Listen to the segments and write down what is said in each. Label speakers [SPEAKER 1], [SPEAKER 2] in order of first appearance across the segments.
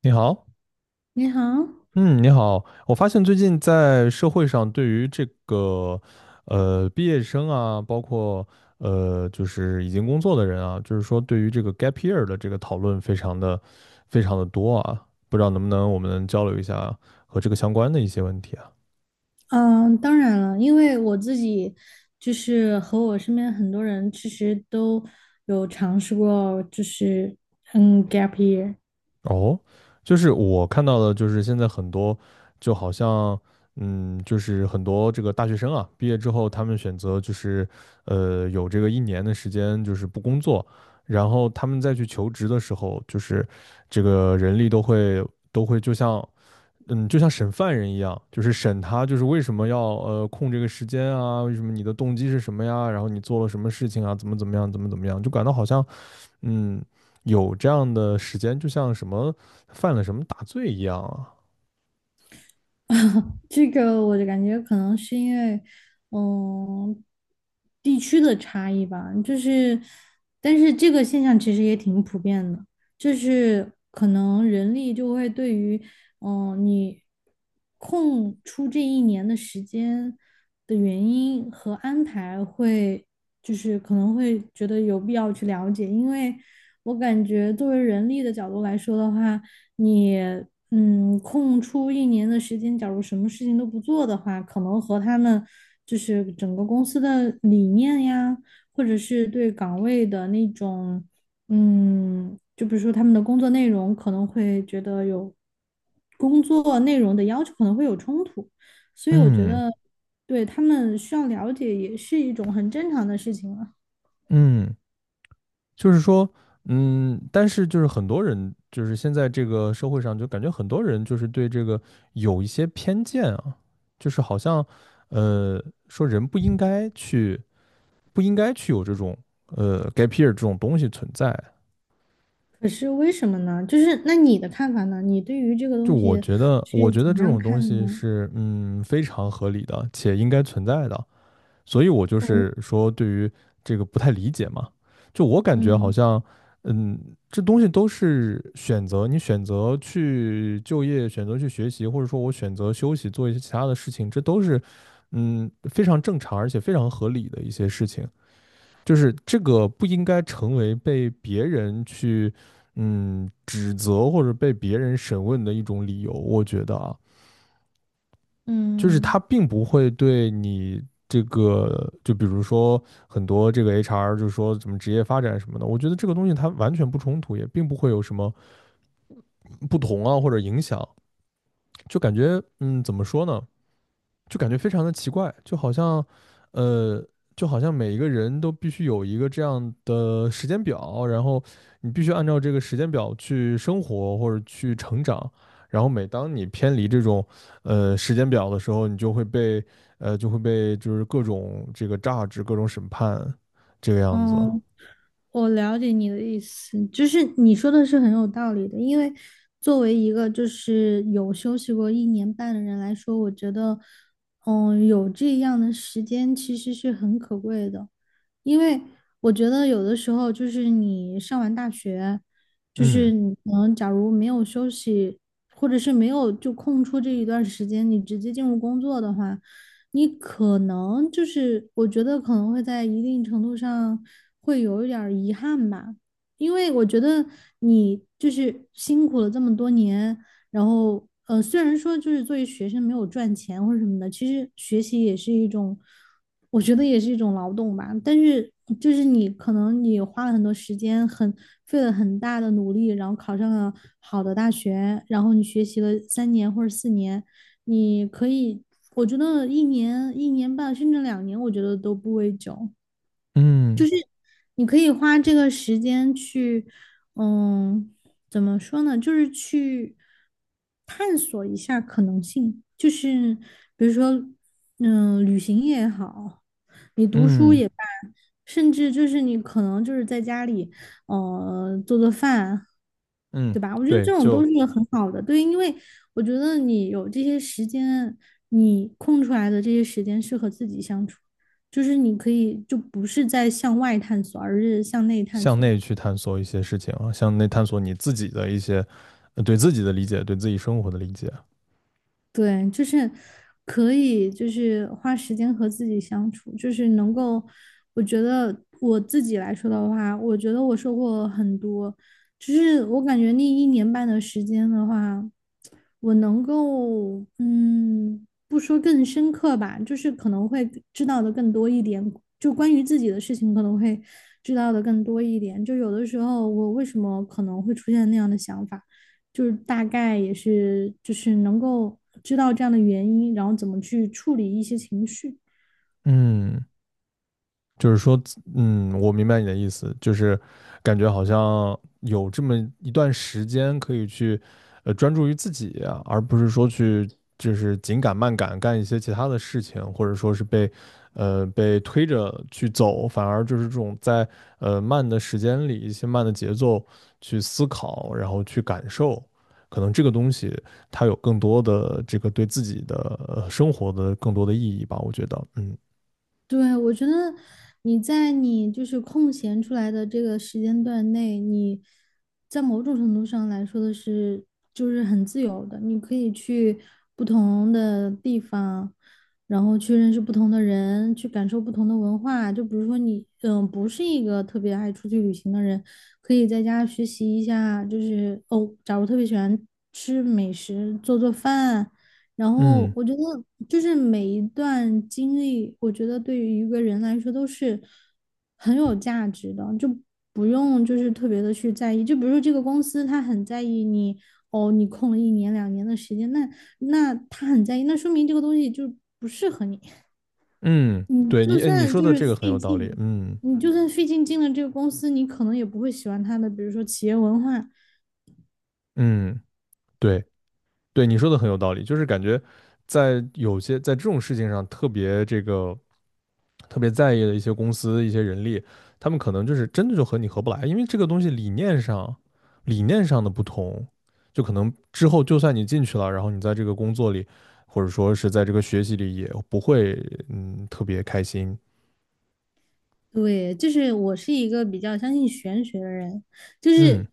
[SPEAKER 1] 你好。
[SPEAKER 2] 你好。
[SPEAKER 1] 嗯，你好。我发现最近在社会上对于这个，毕业生啊，包括就是已经工作的人啊，就是说对于这个 gap year 的这个讨论非常的多啊。不知道能不能我们交流一下和这个相关的一些问题啊？
[SPEAKER 2] 嗯，当然了，因为我自己就是,和我身边很多人其实都有尝试过，就是 gap year。
[SPEAKER 1] 哦，就是我看到的，就是现在很多，就好像，就是很多这个大学生啊，毕业之后他们选择就是，有这个一年的时间就是不工作，然后他们再去求职的时候，就是这个人力都会就像，就像审犯人一样，就是审他，就是为什么要空这个时间啊，为什么你的动机是什么呀，然后你做了什么事情啊，怎么怎么样，怎么怎么样，就感到好像。嗯，有这样的时间，就像什么犯了什么大罪一样啊。
[SPEAKER 2] 这个我就感觉可能是因为，嗯，地区的差异吧。但是这个现象其实也挺普遍的，就是可能人力就会对于，你空出这一年的时间的原因和安排会，就是可能会觉得有必要去了解。因为我感觉作为人力的角度来说的话，你空出一年的时间，假如什么事情都不做的话，可能和他们就是整个公司的理念呀，或者是对岗位的那种，就比如说他们的工作内容，可能会觉得有工作内容的要求可能会有冲突。所以我觉
[SPEAKER 1] 嗯
[SPEAKER 2] 得对他们需要了解也是一种很正常的事情了。
[SPEAKER 1] 嗯，就是说，但是就是很多人，就是现在这个社会上，就感觉很多人就是对这个有一些偏见啊，就是好像，说人不应该去，不应该去有这种，gap year 这种东西存在。
[SPEAKER 2] 可是为什么呢？就是那你的看法呢？你对于这个
[SPEAKER 1] 就
[SPEAKER 2] 东
[SPEAKER 1] 我
[SPEAKER 2] 西
[SPEAKER 1] 觉得，我
[SPEAKER 2] 是
[SPEAKER 1] 觉
[SPEAKER 2] 怎
[SPEAKER 1] 得
[SPEAKER 2] 么
[SPEAKER 1] 这
[SPEAKER 2] 样
[SPEAKER 1] 种
[SPEAKER 2] 看
[SPEAKER 1] 东
[SPEAKER 2] 的
[SPEAKER 1] 西
[SPEAKER 2] 呢？
[SPEAKER 1] 是，非常合理的，且应该存在的。所以我就
[SPEAKER 2] 嗯
[SPEAKER 1] 是说对于这个不太理解嘛，就我感觉好
[SPEAKER 2] 嗯
[SPEAKER 1] 像，嗯，这东西都是选择，你选择去就业，选择去学习，或者说我选择休息，做一些其他的事情，这都是，非常正常而且非常合理的一些事情，就是这个不应该成为被别人去，指责或者被别人审问的一种理由，我觉得啊。就是它
[SPEAKER 2] 嗯
[SPEAKER 1] 并不会对你这个，就比如说很多这个 HR 就是说什么职业发展什么的，我觉得这个东西它完全不冲突，也并不会有什么不同啊或者影响，就感觉怎么说呢？就感觉非常的奇怪，就好像，呃，就好像每一个人都必须有一个这样的时间表，然后你必须按照这个时间表去生活或者去成长，然后每当你偏离这种，时间表的时候，你就会被，就会被就是各种这个榨汁、各种审判，这个样子。
[SPEAKER 2] 嗯,我了解你的意思，就是你说的是很有道理的。因为作为一个就是有休息过一年半的人来说，我觉得，有这样的时间其实是很可贵的。因为我觉得有的时候就是你上完大学，就是
[SPEAKER 1] 嗯
[SPEAKER 2] 你可能假如没有休息，或者是没有就空出这一段时间，你直接进入工作的话，你可能就是我觉得可能会在一定程度上会有一点儿遗憾吧。因为我觉得你就是辛苦了这么多年，然后,虽然说就是作为学生没有赚钱或者什么的，其实学习也是一种，我觉得也是一种劳动吧，但是就是你可能你花了很多时间，费了很大的努力，然后考上了好的大学，然后你学习了3年或者4年。你可以，我觉得1年、1年半甚至2年，我觉得都不为久。
[SPEAKER 1] 嗯
[SPEAKER 2] 你可以花这个时间去，嗯，怎么说呢？就是去探索一下可能性，就是比如说，旅行也好，你读书
[SPEAKER 1] 嗯
[SPEAKER 2] 也罢，甚至就是你可能就是在家里，做做饭，
[SPEAKER 1] 嗯，
[SPEAKER 2] 对吧？我觉得
[SPEAKER 1] 对，
[SPEAKER 2] 这种都
[SPEAKER 1] 就
[SPEAKER 2] 是很好的。对，因为我觉得你有这些时间，你空出来的这些时间是和自己相处，就是你可以就不是在向外探索，而是向内探
[SPEAKER 1] 向
[SPEAKER 2] 索。
[SPEAKER 1] 内去探索一些事情啊，向内探索你自己的一些，对自己的理解，对自己生活的理解。
[SPEAKER 2] 对，就是可以，就是花时间和自己相处，就是能够，我觉得我自己来说的话，我觉得我收获很多。就是我感觉那1年半的时间的话，我能够，不说更深刻吧，就是可能会知道的更多一点，就关于自己的事情可能会知道的更多一点，就有的时候我为什么可能会出现那样的想法，就是大概也是就是能够知道这样的原因，然后怎么去处理一些情绪。
[SPEAKER 1] 嗯，就是说，我明白你的意思，就是感觉好像有这么一段时间可以去，专注于自己啊，而不是说去就是紧赶慢赶干一些其他的事情，或者说是被，被推着去走，反而就是这种在慢的时间里，一些慢的节奏去思考，然后去感受，可能这个东西它有更多的这个对自己的生活的更多的意义吧，我觉得，嗯
[SPEAKER 2] 对，我觉得你在你就是空闲出来的这个时间段内，你在某种程度上来说的是，就是很自由的，你可以去不同的地方，然后去认识不同的人，去感受不同的文化。就比如说你，不是一个特别爱出去旅行的人，可以在家学习一下，就是哦，假如特别喜欢吃美食，做做饭。然后
[SPEAKER 1] 嗯。
[SPEAKER 2] 我觉得，就是每一段经历，我觉得对于一个人来说都是很有价值的，就不用就是特别的去在意。就比如说这个公司，他很在意你，哦，你空了1年2年的时间，那他很在意，那说明这个东西就不适合你。
[SPEAKER 1] 嗯，
[SPEAKER 2] 你
[SPEAKER 1] 对
[SPEAKER 2] 就
[SPEAKER 1] 你，哎，你
[SPEAKER 2] 算
[SPEAKER 1] 说
[SPEAKER 2] 就
[SPEAKER 1] 的
[SPEAKER 2] 是
[SPEAKER 1] 这个很
[SPEAKER 2] 费
[SPEAKER 1] 有道理。
[SPEAKER 2] 劲，
[SPEAKER 1] 嗯
[SPEAKER 2] 你就算费劲进了这个公司，你可能也不会喜欢他的，比如说企业文化。
[SPEAKER 1] 嗯，对对，你说的很有道理，就是感觉在有些在这种事情上特别这个特别在意的一些公司、一些人力，他们可能就是真的就和你合不来，因为这个东西理念上的不同，就可能之后就算你进去了，然后你在这个工作里，或者说是在这个学习里也不会特别开心。
[SPEAKER 2] 对，就是我是一个比较相信玄学的人，就
[SPEAKER 1] 嗯
[SPEAKER 2] 是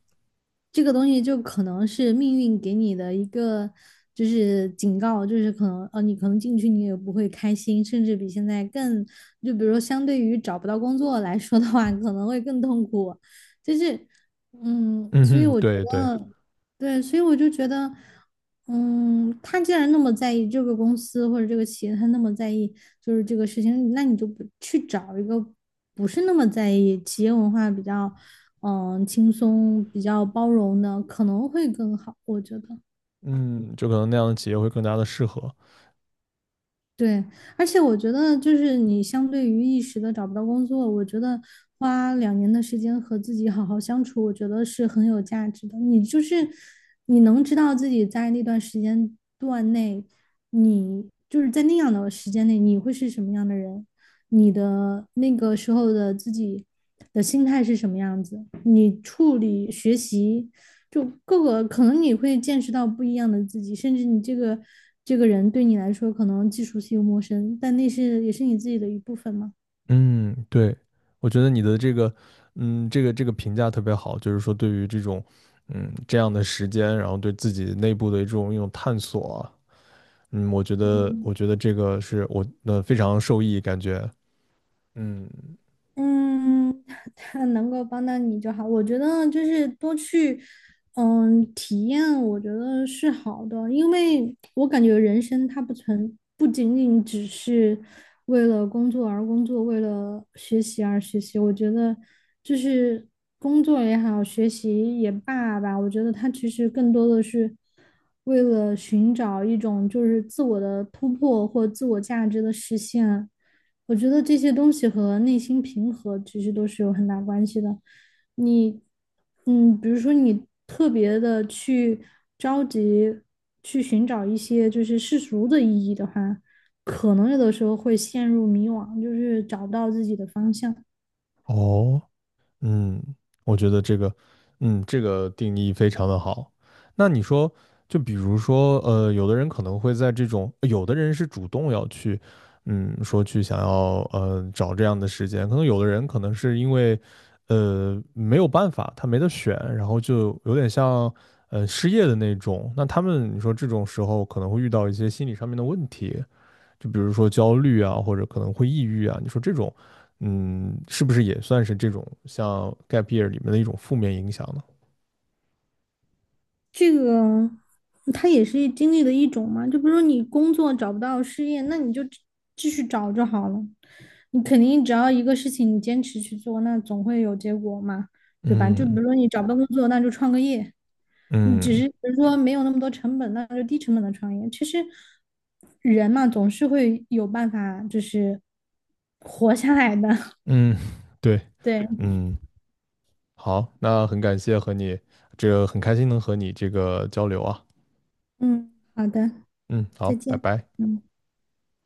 [SPEAKER 2] 这个东西就可能是命运给你的一个就是警告，就是可能你可能进去你也不会开心，甚至比现在更，就比如说相对于找不到工作来说的话，可能会更痛苦，就是,
[SPEAKER 1] 嗯
[SPEAKER 2] 所以
[SPEAKER 1] 哼，
[SPEAKER 2] 我觉
[SPEAKER 1] 对对，
[SPEAKER 2] 得对，所以我就觉得。他既然那么在意这个公司或者这个企业，他那么在意就是这个事情，那你就不去找一个不是那么在意企业文化比较，轻松、比较包容的，可能会更好，我觉得。
[SPEAKER 1] 嗯，就可能那样的企业会更加的适合。
[SPEAKER 2] 对，而且我觉得，就是你相对于一时的找不到工作，我觉得花两年的时间和自己好好相处，我觉得是很有价值的。你就是你能知道自己在那段时间段内，你就是在那样的时间内，你会是什么样的人。你的那个时候的自己的心态是什么样子，你处理学习就各个可能你会见识到不一样的自己，甚至你这个人对你来说可能既熟悉又陌生，但那是也是你自己的一部分嘛。
[SPEAKER 1] 嗯，对，我觉得你的这个，这个评价特别好，就是说对于这种，这样的时间，然后对自己内部的这种一种探索啊嗯，我觉得，我
[SPEAKER 2] 嗯。
[SPEAKER 1] 觉得这个是我非常受益，感觉，嗯，
[SPEAKER 2] 嗯，他能够帮到你就好。我觉得就是多去，体验，我觉得是好的。因为我感觉人生它不存，不仅仅只是为了工作而工作，为了学习而学习。我觉得就是工作也好，学习也罢吧，我觉得它其实更多的是为了寻找一种就是自我的突破或自我价值的实现。我觉得这些东西和内心平和其实都是有很大关系的。你，比如说你特别的去着急去寻找一些就是世俗的意义的话，可能有的时候会陷入迷惘，就是找不到自己的方向。
[SPEAKER 1] 哦，嗯，我觉得这个，这个定义非常的好。那你说，就比如说，有的人可能会在这种，有的人是主动要去，说去想要，找这样的时间，可能有的人可能是因为，没有办法，他没得选，然后就有点像，失业的那种。那他们，你说这种时候可能会遇到一些心理上面的问题，就比如说焦虑啊，或者可能会抑郁啊，你说这种，是不是也算是这种像 gap year 里面的一种负面影响呢？
[SPEAKER 2] 这个它也是经历的一种嘛，就比如说你工作找不到失业，那你就继续找就好了。你肯定只要一个事情你坚持去做，那总会有结果嘛，对吧？就比
[SPEAKER 1] 嗯
[SPEAKER 2] 如说你找不到工作，那就创个业，你只
[SPEAKER 1] 嗯
[SPEAKER 2] 是比如说没有那么多成本，那就低成本的创业。其实人嘛，总是会有办法，就是活下来的。
[SPEAKER 1] 嗯，对，
[SPEAKER 2] 对。
[SPEAKER 1] 嗯，好，那很感谢和你这个很开心能和你这个交流啊，
[SPEAKER 2] 嗯，好的。
[SPEAKER 1] 嗯，好，
[SPEAKER 2] 再
[SPEAKER 1] 拜
[SPEAKER 2] 见。
[SPEAKER 1] 拜。
[SPEAKER 2] 嗯。